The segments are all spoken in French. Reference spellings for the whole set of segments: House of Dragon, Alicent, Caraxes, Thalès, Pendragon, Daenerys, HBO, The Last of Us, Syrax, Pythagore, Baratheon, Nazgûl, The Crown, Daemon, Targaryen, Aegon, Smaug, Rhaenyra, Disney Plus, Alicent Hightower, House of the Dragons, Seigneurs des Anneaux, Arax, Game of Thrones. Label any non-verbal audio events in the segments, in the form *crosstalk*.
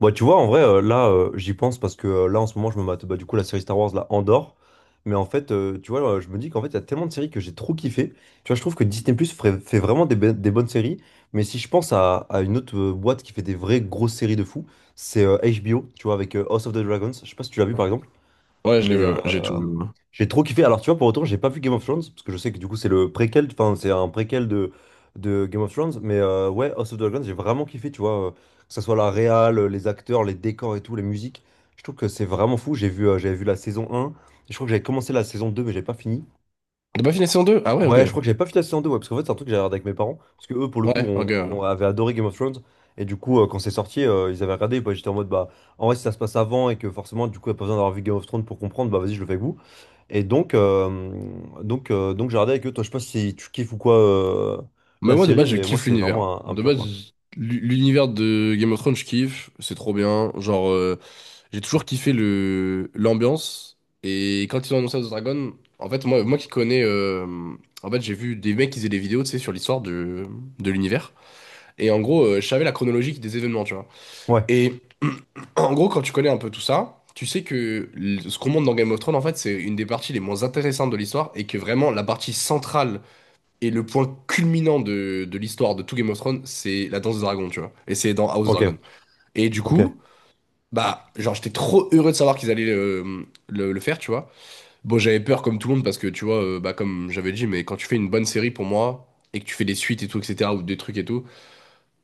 Bah, tu vois, en vrai, là, j'y pense parce que là, en ce moment, je me mate bah, du coup la série Star Wars, là, Andorre. Mais en fait, tu vois, je me dis qu'en fait, il y a tellement de séries que j'ai trop kiffé. Tu vois, je trouve que Disney Plus fait vraiment des bonnes séries. Mais si je pense à une autre boîte qui fait des vraies grosses séries de fou, c'est HBO, tu vois, avec House of the Dragons. Je sais pas si tu l'as vu par exemple. Ouais, je l'ai Mais vu, ouais. J'ai tout vu, ouais. j'ai trop kiffé. Alors, tu vois, pour autant, j'ai pas vu Game of Thrones, parce que je sais que du coup, c'est le préquel, enfin, c'est un préquel de Game of Thrones. Mais ouais, House of the Dragons, j'ai vraiment kiffé, tu vois, que ce soit la réal, les acteurs, les décors et tout, les musiques. Je trouve que c'est vraiment fou. J'avais vu la saison 1. Je crois que j'avais commencé la saison 2, mais j'ai pas fini. T'as pas fini la saison 2? Ah ouais, ok. Ouais, je crois que j'avais pas vu la saison 2, ouais, parce qu'en fait, c'est un truc que j'avais regardé avec mes parents, parce que eux, pour le coup, Ouais, ok, on, ouais. on avait adoré Game of Thrones, et du coup, quand c'est sorti, ils avaient regardé, et bah, j'étais en mode, bah, en vrai, si ça se passe avant, et que forcément, du coup, il n'y a pas besoin d'avoir vu Game of Thrones pour comprendre, bah, vas-y, je le fais avec vous. Et donc, j'ai regardé avec eux, toi, je sais pas si tu kiffes ou quoi, Mais la moi, de série, base, je mais moi, kiffe c'est l'univers. vraiment un De pur, quoi. base, l'univers de Game of Thrones, je kiffe. C'est trop bien. J'ai toujours kiffé le l'ambiance. Et quand ils ont annoncé House of Dragon, en fait, moi qui connais. En fait, j'ai vu des mecs qui faisaient des vidéos, tu sais, sur l'histoire de l'univers. Et en gros, je savais la chronologie des événements, tu vois. Ouais, Et *clears throat* en gros, quand tu connais un peu tout ça, tu sais que ce qu'on montre dans Game of Thrones, en fait, c'est une des parties les moins intéressantes de l'histoire, et que vraiment la partie centrale et le point culminant de l'histoire de tout Game of Thrones, c'est la danse des dragons, tu vois. Et c'est dans House ok, Dragon. Et du ok, coup, bah, genre, j'étais trop heureux de savoir qu'ils allaient le faire, tu vois. Bon, j'avais peur comme tout le monde parce que, tu vois, bah, comme j'avais dit, mais quand tu fais une bonne série pour moi et que tu fais des suites et tout, etc., ou des trucs et tout.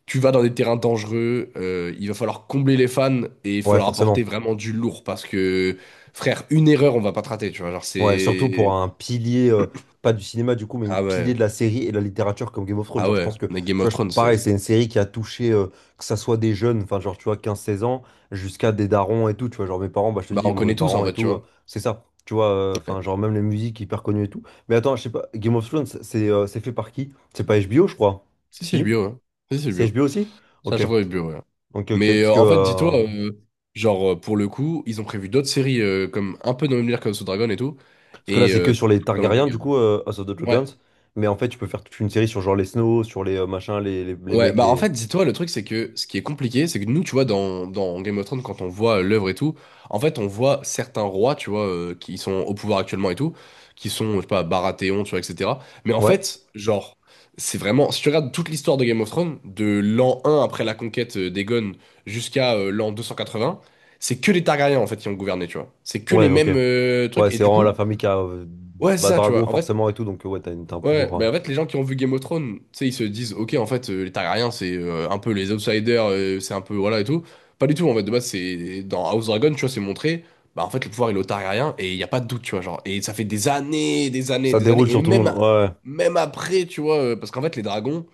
Tu vas dans des terrains dangereux, il va falloir combler les fans, et il faut ouais, leur apporter forcément. vraiment du lourd, parce que, frère, une erreur, on va pas te rater, tu vois. Genre, Ouais, surtout pour c'est. un pilier, pas du cinéma du coup, mais une Ah pilier ouais, de la série et de la littérature comme Game of Thrones. ah Genre, je ouais, pense que, tu mais Game of vois, Thrones, pareil, c'est c'est. une série qui a touché, que ça soit des jeunes, enfin, genre, tu vois, 15-16 ans, jusqu'à des darons et tout, tu vois. Genre, mes parents, bah, je te Bah, dis, on bon, mes connaît tous en parents et fait, tu tout, vois. c'est ça, tu vois, enfin, Ouais. genre, même les musiques hyper connues et tout. Mais attends, je sais pas, Game of Thrones, c'est fait par qui? C'est pas HBO, je crois. Si, c'est le Si? bio, ouais. Si, c'est le C'est bio. HBO aussi? C'est à Ok, chaque fois le bio, ouais. ok, ok. Parce que, En fait, dis-toi, euh, genre, pour le coup, ils ont prévu d'autres séries comme un peu dans le même délire comme sous Dragon et tout. Parce que là, Et. c'est que sur les Solo Targaryens, Leveling, du hein. coup, House of the Dragons. Ouais. Mais en fait, tu peux faire toute une série sur genre les Snow, sur les machins, les Ouais, mecs, bah en les. fait, dis-toi, le truc, c'est que ce qui est compliqué, c'est que nous, tu vois, dans Game of Thrones, quand on voit l'œuvre et tout, en fait, on voit certains rois, tu vois, qui sont au pouvoir actuellement et tout, qui sont, je sais pas, Baratheon, tu vois, etc. Mais en Ouais, fait, genre, c'est vraiment, si tu regardes toute l'histoire de Game of Thrones, de l'an 1 après la conquête d'Aegon jusqu'à l'an 280, c'est que les Targaryens, en fait, qui ont gouverné, tu vois. C'est que ouais, les ok. mêmes trucs, Ouais, et c'est du vraiment la coup, famille qui a. Ouais, c'est bah, ça, tu Dragon, vois. En fait, forcément, et tout. Donc, ouais, t'as un ouais, pouvoir. Bah en fait, les gens qui ont vu Game of Thrones, tu sais, ils se disent, ok, en fait, les Targaryens, c'est un peu les outsiders, c'est un peu, voilà, et tout. Pas du tout, en fait, de base, c'est dans House Dragon, tu vois, c'est montré, bah en fait, le pouvoir, il est aux Targaryens, et il n'y a pas de doute, tu vois, genre, et ça fait des années, des années, Ça des déroule années, et sur tout le monde. même, Ouais, ouais. même après, tu vois, parce qu'en fait, les dragons,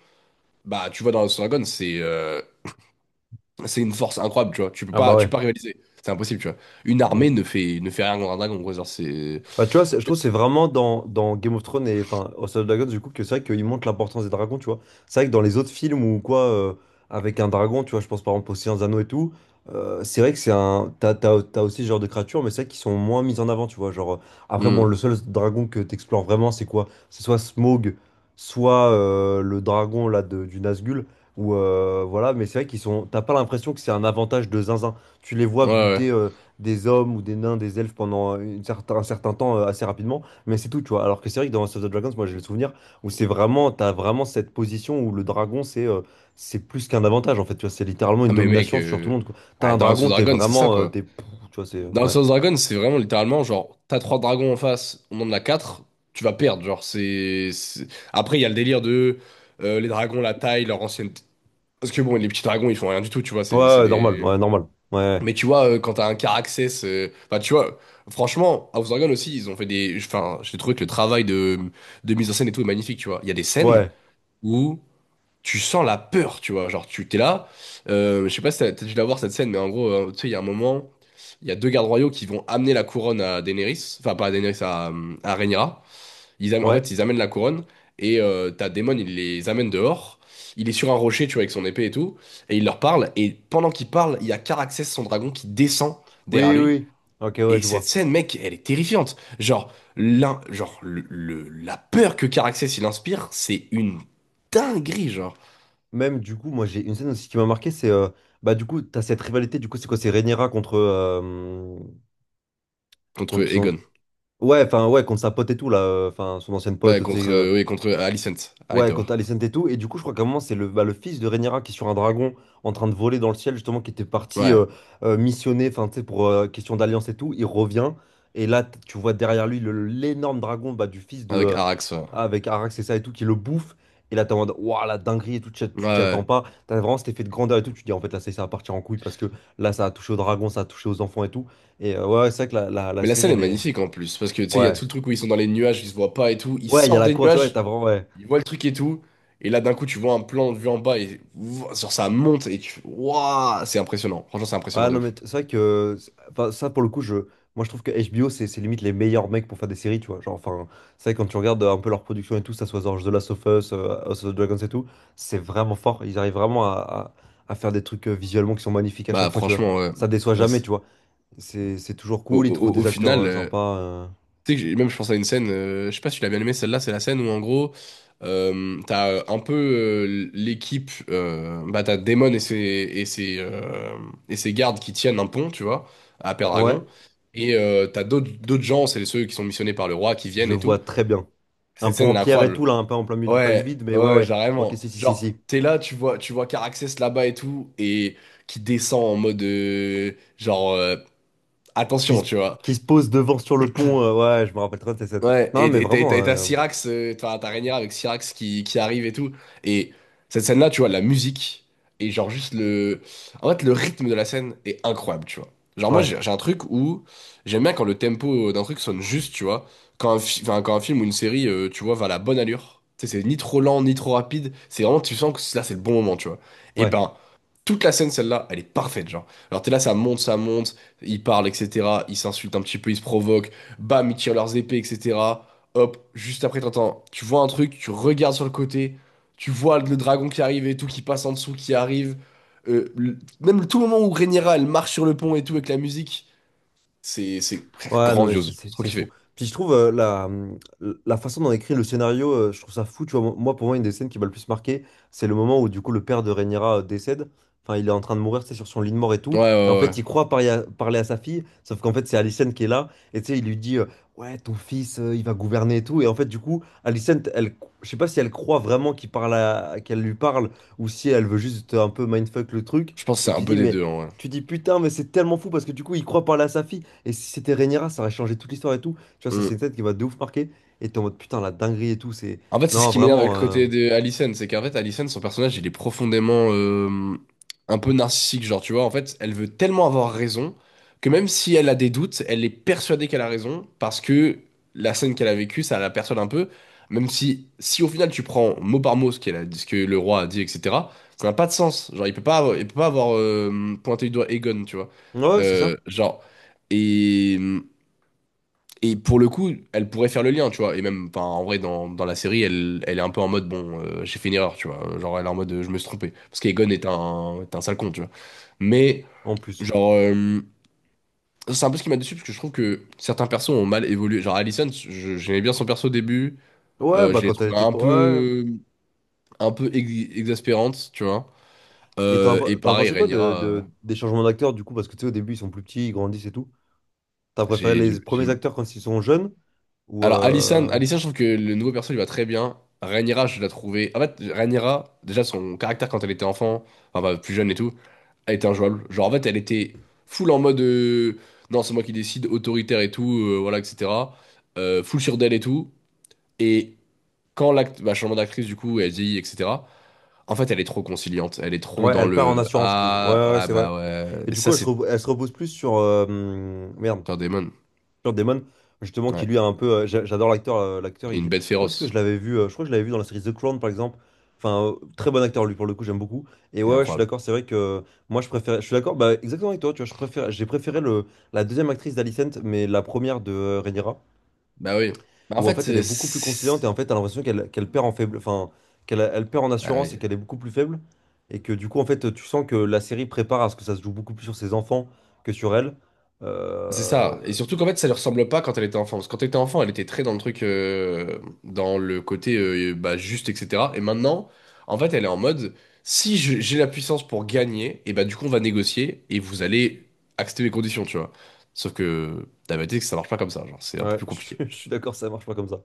bah, tu vois, dans House Dragon, c'est une force incroyable, tu vois, Ah, bah tu peux ouais. pas rivaliser, c'est impossible, tu vois. Une armée Mm. Ne fait rien contre un dragon, gros, genre, c'est... Bah, tu vois, je trouve que c'est vraiment dans Game of Thrones et enfin House of Dragons, du coup, que c'est vrai qu'ils montrent l'importance des dragons, tu vois. C'est vrai que dans les autres films ou quoi, avec un dragon, tu vois, je pense par exemple aux Seigneurs des Anneaux et tout, c'est vrai que c'est un. T'as aussi ce genre de créatures, mais c'est vrai qu'ils sont moins mis en avant, tu vois. Genre, après, bon, Hmm. le seul dragon que t'explores vraiment, c'est quoi? C'est soit Smaug, soit le dragon là du Nazgûl, ou voilà, mais c'est vrai qu'ils sont. T'as pas l'impression que c'est un avantage de zinzin. Tu les vois Ouais, buter. ouais. Des hommes ou des nains, des elfes pendant un certain temps assez rapidement, mais c'est tout, tu vois. Alors que c'est vrai que dans House of the Dragons, moi j'ai le souvenir où c'est vraiment, t'as vraiment cette position où le dragon c'est plus qu'un avantage en fait, tu vois, c'est littéralement une Ah, mais mec, domination sur tout le monde, quoi. T'as ah, un dans House of dragon, t'es Dragon, c'est ça, vraiment, t'es, quoi. Tu vois, c'est, Dans House ouais. of Dragon, c'est vraiment littéralement, genre, t'as 3 dragons en face, on en a 4, tu vas perdre. Genre, c'est. Après, il y a le délire de les dragons, la taille, leur ancienne. Parce que bon, les petits dragons, ils font rien du tout, tu vois, Ouais, c'est ouais, normal, des. ouais, normal, ouais, Mais tu vois, quand t'as un Caraxès. Enfin, tu vois, franchement, House of Dragon aussi, ils ont fait des. Enfin, j'ai trouvé que le travail de mise en scène et tout est magnifique, tu vois. Il y a des scènes ouais, où tu sens la peur, tu vois. Genre, tu t'es là. Je sais pas si t'as dû la voir cette scène, mais en gros, tu sais, il y a un moment, il y a 2 gardes royaux qui vont amener la couronne à Daenerys, enfin, pas à Daenerys, à Rhaenyra. En ouais, fait, ils amènent la couronne, et t'as Daemon, il les amène dehors. Il est sur un rocher, tu vois, avec son épée et tout, et il leur parle. Et pendant qu'il parle, il y a Caraxès, son dragon, qui descend derrière oui, oui, lui. oui. Ok, ouais, Et je cette vois. scène, mec, elle est terrifiante. Genre, l'un, genre la peur que Caraxès il inspire, c'est une dinguerie, genre. Même du coup, moi j'ai une scène aussi qui m'a marqué, c'est, bah du coup, t'as cette rivalité, du coup, c'est quoi, c'est Rhaenyra contre, euh, Contre contre son... Egon. Ouais, enfin, ouais, contre sa pote et tout, là, enfin, son ancienne Ouais, pote, tu sais, contre, oui, contre Alicent, ouais, Hightower. contre Alicent et tout. Et du coup, je crois qu'à un moment, c'est le fils de Rhaenyra qui est sur un dragon en train de voler dans le ciel, justement, qui était parti Ouais, missionner, enfin, tu sais, pour question d'alliance et tout. Il revient, et là, tu vois derrière lui l'énorme dragon bah, du fils de. avec Arax. Ouais. Avec Arax et ça et tout, qui le bouffe. Et là, t'es en mode, waouh, la dinguerie et tout, tu t'y attends Ouais. pas. T'as vraiment cet effet de grandeur et tout. Tu te dis, en fait, là, c'est ça va partir en couille parce que là, ça a touché au dragon, ça a touché aux enfants et tout. Et ouais, ouais, c'est vrai que la Mais la série, scène est elle est. magnifique en plus, parce que tu sais, il y a Ouais. tout le truc où ils sont dans les nuages, ils se voient pas et tout. Ils Ouais, il y a sortent la des course, ouais, t'as nuages, vraiment, ouais. ils voient le truc et tout. Et là, d'un coup, tu vois un plan de vue en bas et ouah, sur ça monte et tu. Waouh! C'est impressionnant. Franchement, c'est impressionnant Ah de non, mais ouf. C'est vrai que, enfin, ça pour le coup, moi je trouve que HBO, c'est limite les meilleurs mecs pour faire des séries, tu vois. Genre, enfin, c'est vrai, quand tu regardes un peu leur production et tout, ça soit genre The Last of Us, House of the Dragons et tout, c'est vraiment fort. Ils arrivent vraiment à faire des trucs visuellement qui sont magnifiques à Bah, chaque fois, tu vois. franchement, ouais. Ça déçoit Ouais, jamais, c'est- tu vois. C'est toujours au, cool, ils trouvent au des acteurs final. Sympas. Tu sais, que même je pense à une scène, je sais pas si tu l'as bien aimé, celle-là, c'est la scène où en gros, t'as un peu l'équipe, bah t'as Daemon et ses gardes qui tiennent un pont, tu vois, à Ouais, Pendragon, et t'as d'autres gens, c'est ceux qui sont missionnés par le roi qui je viennent et vois tout. très bien. Un Cette peu scène, en elle est pierre et incroyable. tout, là, un peu en plein milieu du pas du Ouais, vide, mais ouais, ouais, ouais. Ok, carrément. si, si, si, Genre, si. t'es là, tu vois Caraxès là-bas et tout, et qui descend en mode, genre, qui attention, se, tu vois. qui se pose devant sur le pont. Ouais, je me rappelle très bien de cette scène. Ouais, Non, mais vraiment, et t'as Syrax, t'as Rhaenyra avec Syrax qui arrive et tout. Et cette scène-là, tu vois, la musique et genre juste le... En fait, le rythme de la scène est incroyable, tu vois. Genre moi, ouais, j'ai un truc où j'aime bien quand le tempo d'un truc sonne juste, tu vois. Quand un, enfin, quand un film ou une série, tu vois, va à la bonne allure. Tu sais, c'est ni trop lent, ni trop rapide. C'est vraiment, tu sens que là, c'est le bon moment, tu vois. Et ouais. ben, toute la scène, celle-là, elle est parfaite, genre. Alors t'es là, ça monte, ils parlent, etc. Ils s'insultent un petit peu, ils se provoquent. Bam, ils tirent leurs épées, etc. Hop, juste après, t'entends, tu vois un truc, tu regardes sur le côté, tu vois le dragon qui arrive et tout, qui passe en dessous, qui arrive. Le- même tout le moment où Rhaenyra, elle marche sur le pont et tout avec la musique, c'est frère, Ouais, non, mais grandiose. C'est trop c'est fou. kiffé. Puis je trouve la façon dont écrit le scénario, je trouve ça fou. Tu vois, moi, pour moi, une des scènes qui m'a le plus marqué, c'est le moment où, du coup, le père de Rhaenyra décède. Enfin, il est en train de mourir, c'est sur son lit de mort et Ouais, tout. ouais, Et en ouais, fait, il ouais. croit parler à sa fille, sauf qu'en fait, c'est Alicent qui est là. Et tu sais, il lui dit, ouais, ton fils, il va gouverner et tout. Et en fait, du coup, Alicent, elle, je sais pas si elle croit vraiment qu'elle lui parle ou si elle veut juste un peu mindfuck le truc. Je pense que c'est Et un tu peu dis, des mais. deux, en vrai. Tu dis putain, mais c'est tellement fou parce que du coup, il croit parler à sa fille. Et si c'était Rhaenyra, ça aurait changé toute l'histoire et tout. Tu vois, ça, c'est Mm. une scène qui va de ouf marquer. Et t'es en mode putain, la dinguerie et tout, c'est. En fait, c'est ce Non, qui m'énerve avec vraiment. le côté de Allison, c'est qu'en fait, Allison, son personnage, il est profondément un peu narcissique, genre, tu vois, en fait, elle veut tellement avoir raison que même si elle a des doutes, elle est persuadée qu'elle a raison, parce que la scène qu'elle a vécue, ça la persuade un peu, même si, si au final tu prends mot par mot ce qu'elle a dit, ce que le roi a dit, etc., ça n'a pas de sens, genre, il peut pas, il peut pas avoir pointé du doigt Aegon, tu vois. Ouais, c'est ça. Genre, et et pour le coup, elle pourrait faire le lien, tu vois. Et même, enfin, en vrai, dans la série, elle, elle est un peu en mode, bon, j'ai fait une erreur, tu vois. Genre, elle est en mode, je me suis trompé. Parce qu'Egon est un sale con, tu vois. Mais, En plus. genre, euh, c'est un peu ce qui m'a déçu, parce que je trouve que certains persos ont mal évolué. Genre, Allison j'aimais bien son perso au début. Ouais, bah Je l'ai quand elle trouvé était. Ouais. Un peu exaspérante, tu vois. Et Et t'en as pareil, pensé quoi Rhaenyra, des changements d'acteurs du coup? Parce que tu sais, au début, ils sont plus petits, ils grandissent et tout. T'as préféré j'ai j'ai- les j'ai- premiers acteurs quand ils sont jeunes? Ou. alors, Alisson, je trouve que le nouveau perso il va très bien. Rhaenyra, je l'ai trouvé. En fait, Rhaenyra, déjà son caractère quand elle était enfant, enfin bah, plus jeune et tout, elle était injouable. Genre, en fait, elle était full en mode non, c'est moi qui décide, autoritaire et tout, voilà, etc. Full sur d'elle et tout. Et quand l'acte, bah, changement d'actrice, du coup, elle vieillit, etc. En fait, elle est trop conciliante. Elle est trop Ouais, dans elle perd en le assurance, je trouve. Ouais, ah, ouais, ouais, ah c'est vrai. bah ouais. Et Et du coup, ça, elle se, c'est repose elle se repose plus sur. Merde. un démon. Matt Damon, justement, qui Ouais. lui a un peu. J'adore l'acteur. Et une bête Où est-ce que féroce. je l'avais vu? Je crois que je l'avais vu dans la série The Crown, par exemple. Enfin, très bon acteur, lui, pour le coup, j'aime beaucoup. Et C'est ouais, ouais, je suis incroyable. d'accord, c'est vrai que moi, je préfère. Je suis d'accord, bah, exactement avec toi, tu vois, j'ai préféré la deuxième actrice d'Alicent, mais la première de Rhaenyra, Bah oui. Bah, en où en fait, fait, elle est c'est. beaucoup plus C'est- conciliante et en fait, t'as l'impression qu'elle perd en faible. Enfin, qu'elle elle perd en Ah assurance et oui. qu'elle est beaucoup plus faible. Et que du coup, en fait, tu sens que la série prépare à ce que ça se joue beaucoup plus sur ses enfants que sur elle. C'est ça. Et Euh, surtout qu'en fait, ça lui ressemble pas quand elle était enfant. Parce que quand elle était enfant, elle était très dans le truc, dans le côté bah, juste, etc. Et maintenant, en fait, elle est en mode, si j'ai la puissance pour gagner, et bah du coup, on va négocier, et vous allez accepter mes conditions, tu vois. Sauf que t'as bien dit que ça marche pas comme ça. Genre, c'est un peu Ouais, plus *laughs* je compliqué. suis d'accord, ça marche pas comme ça.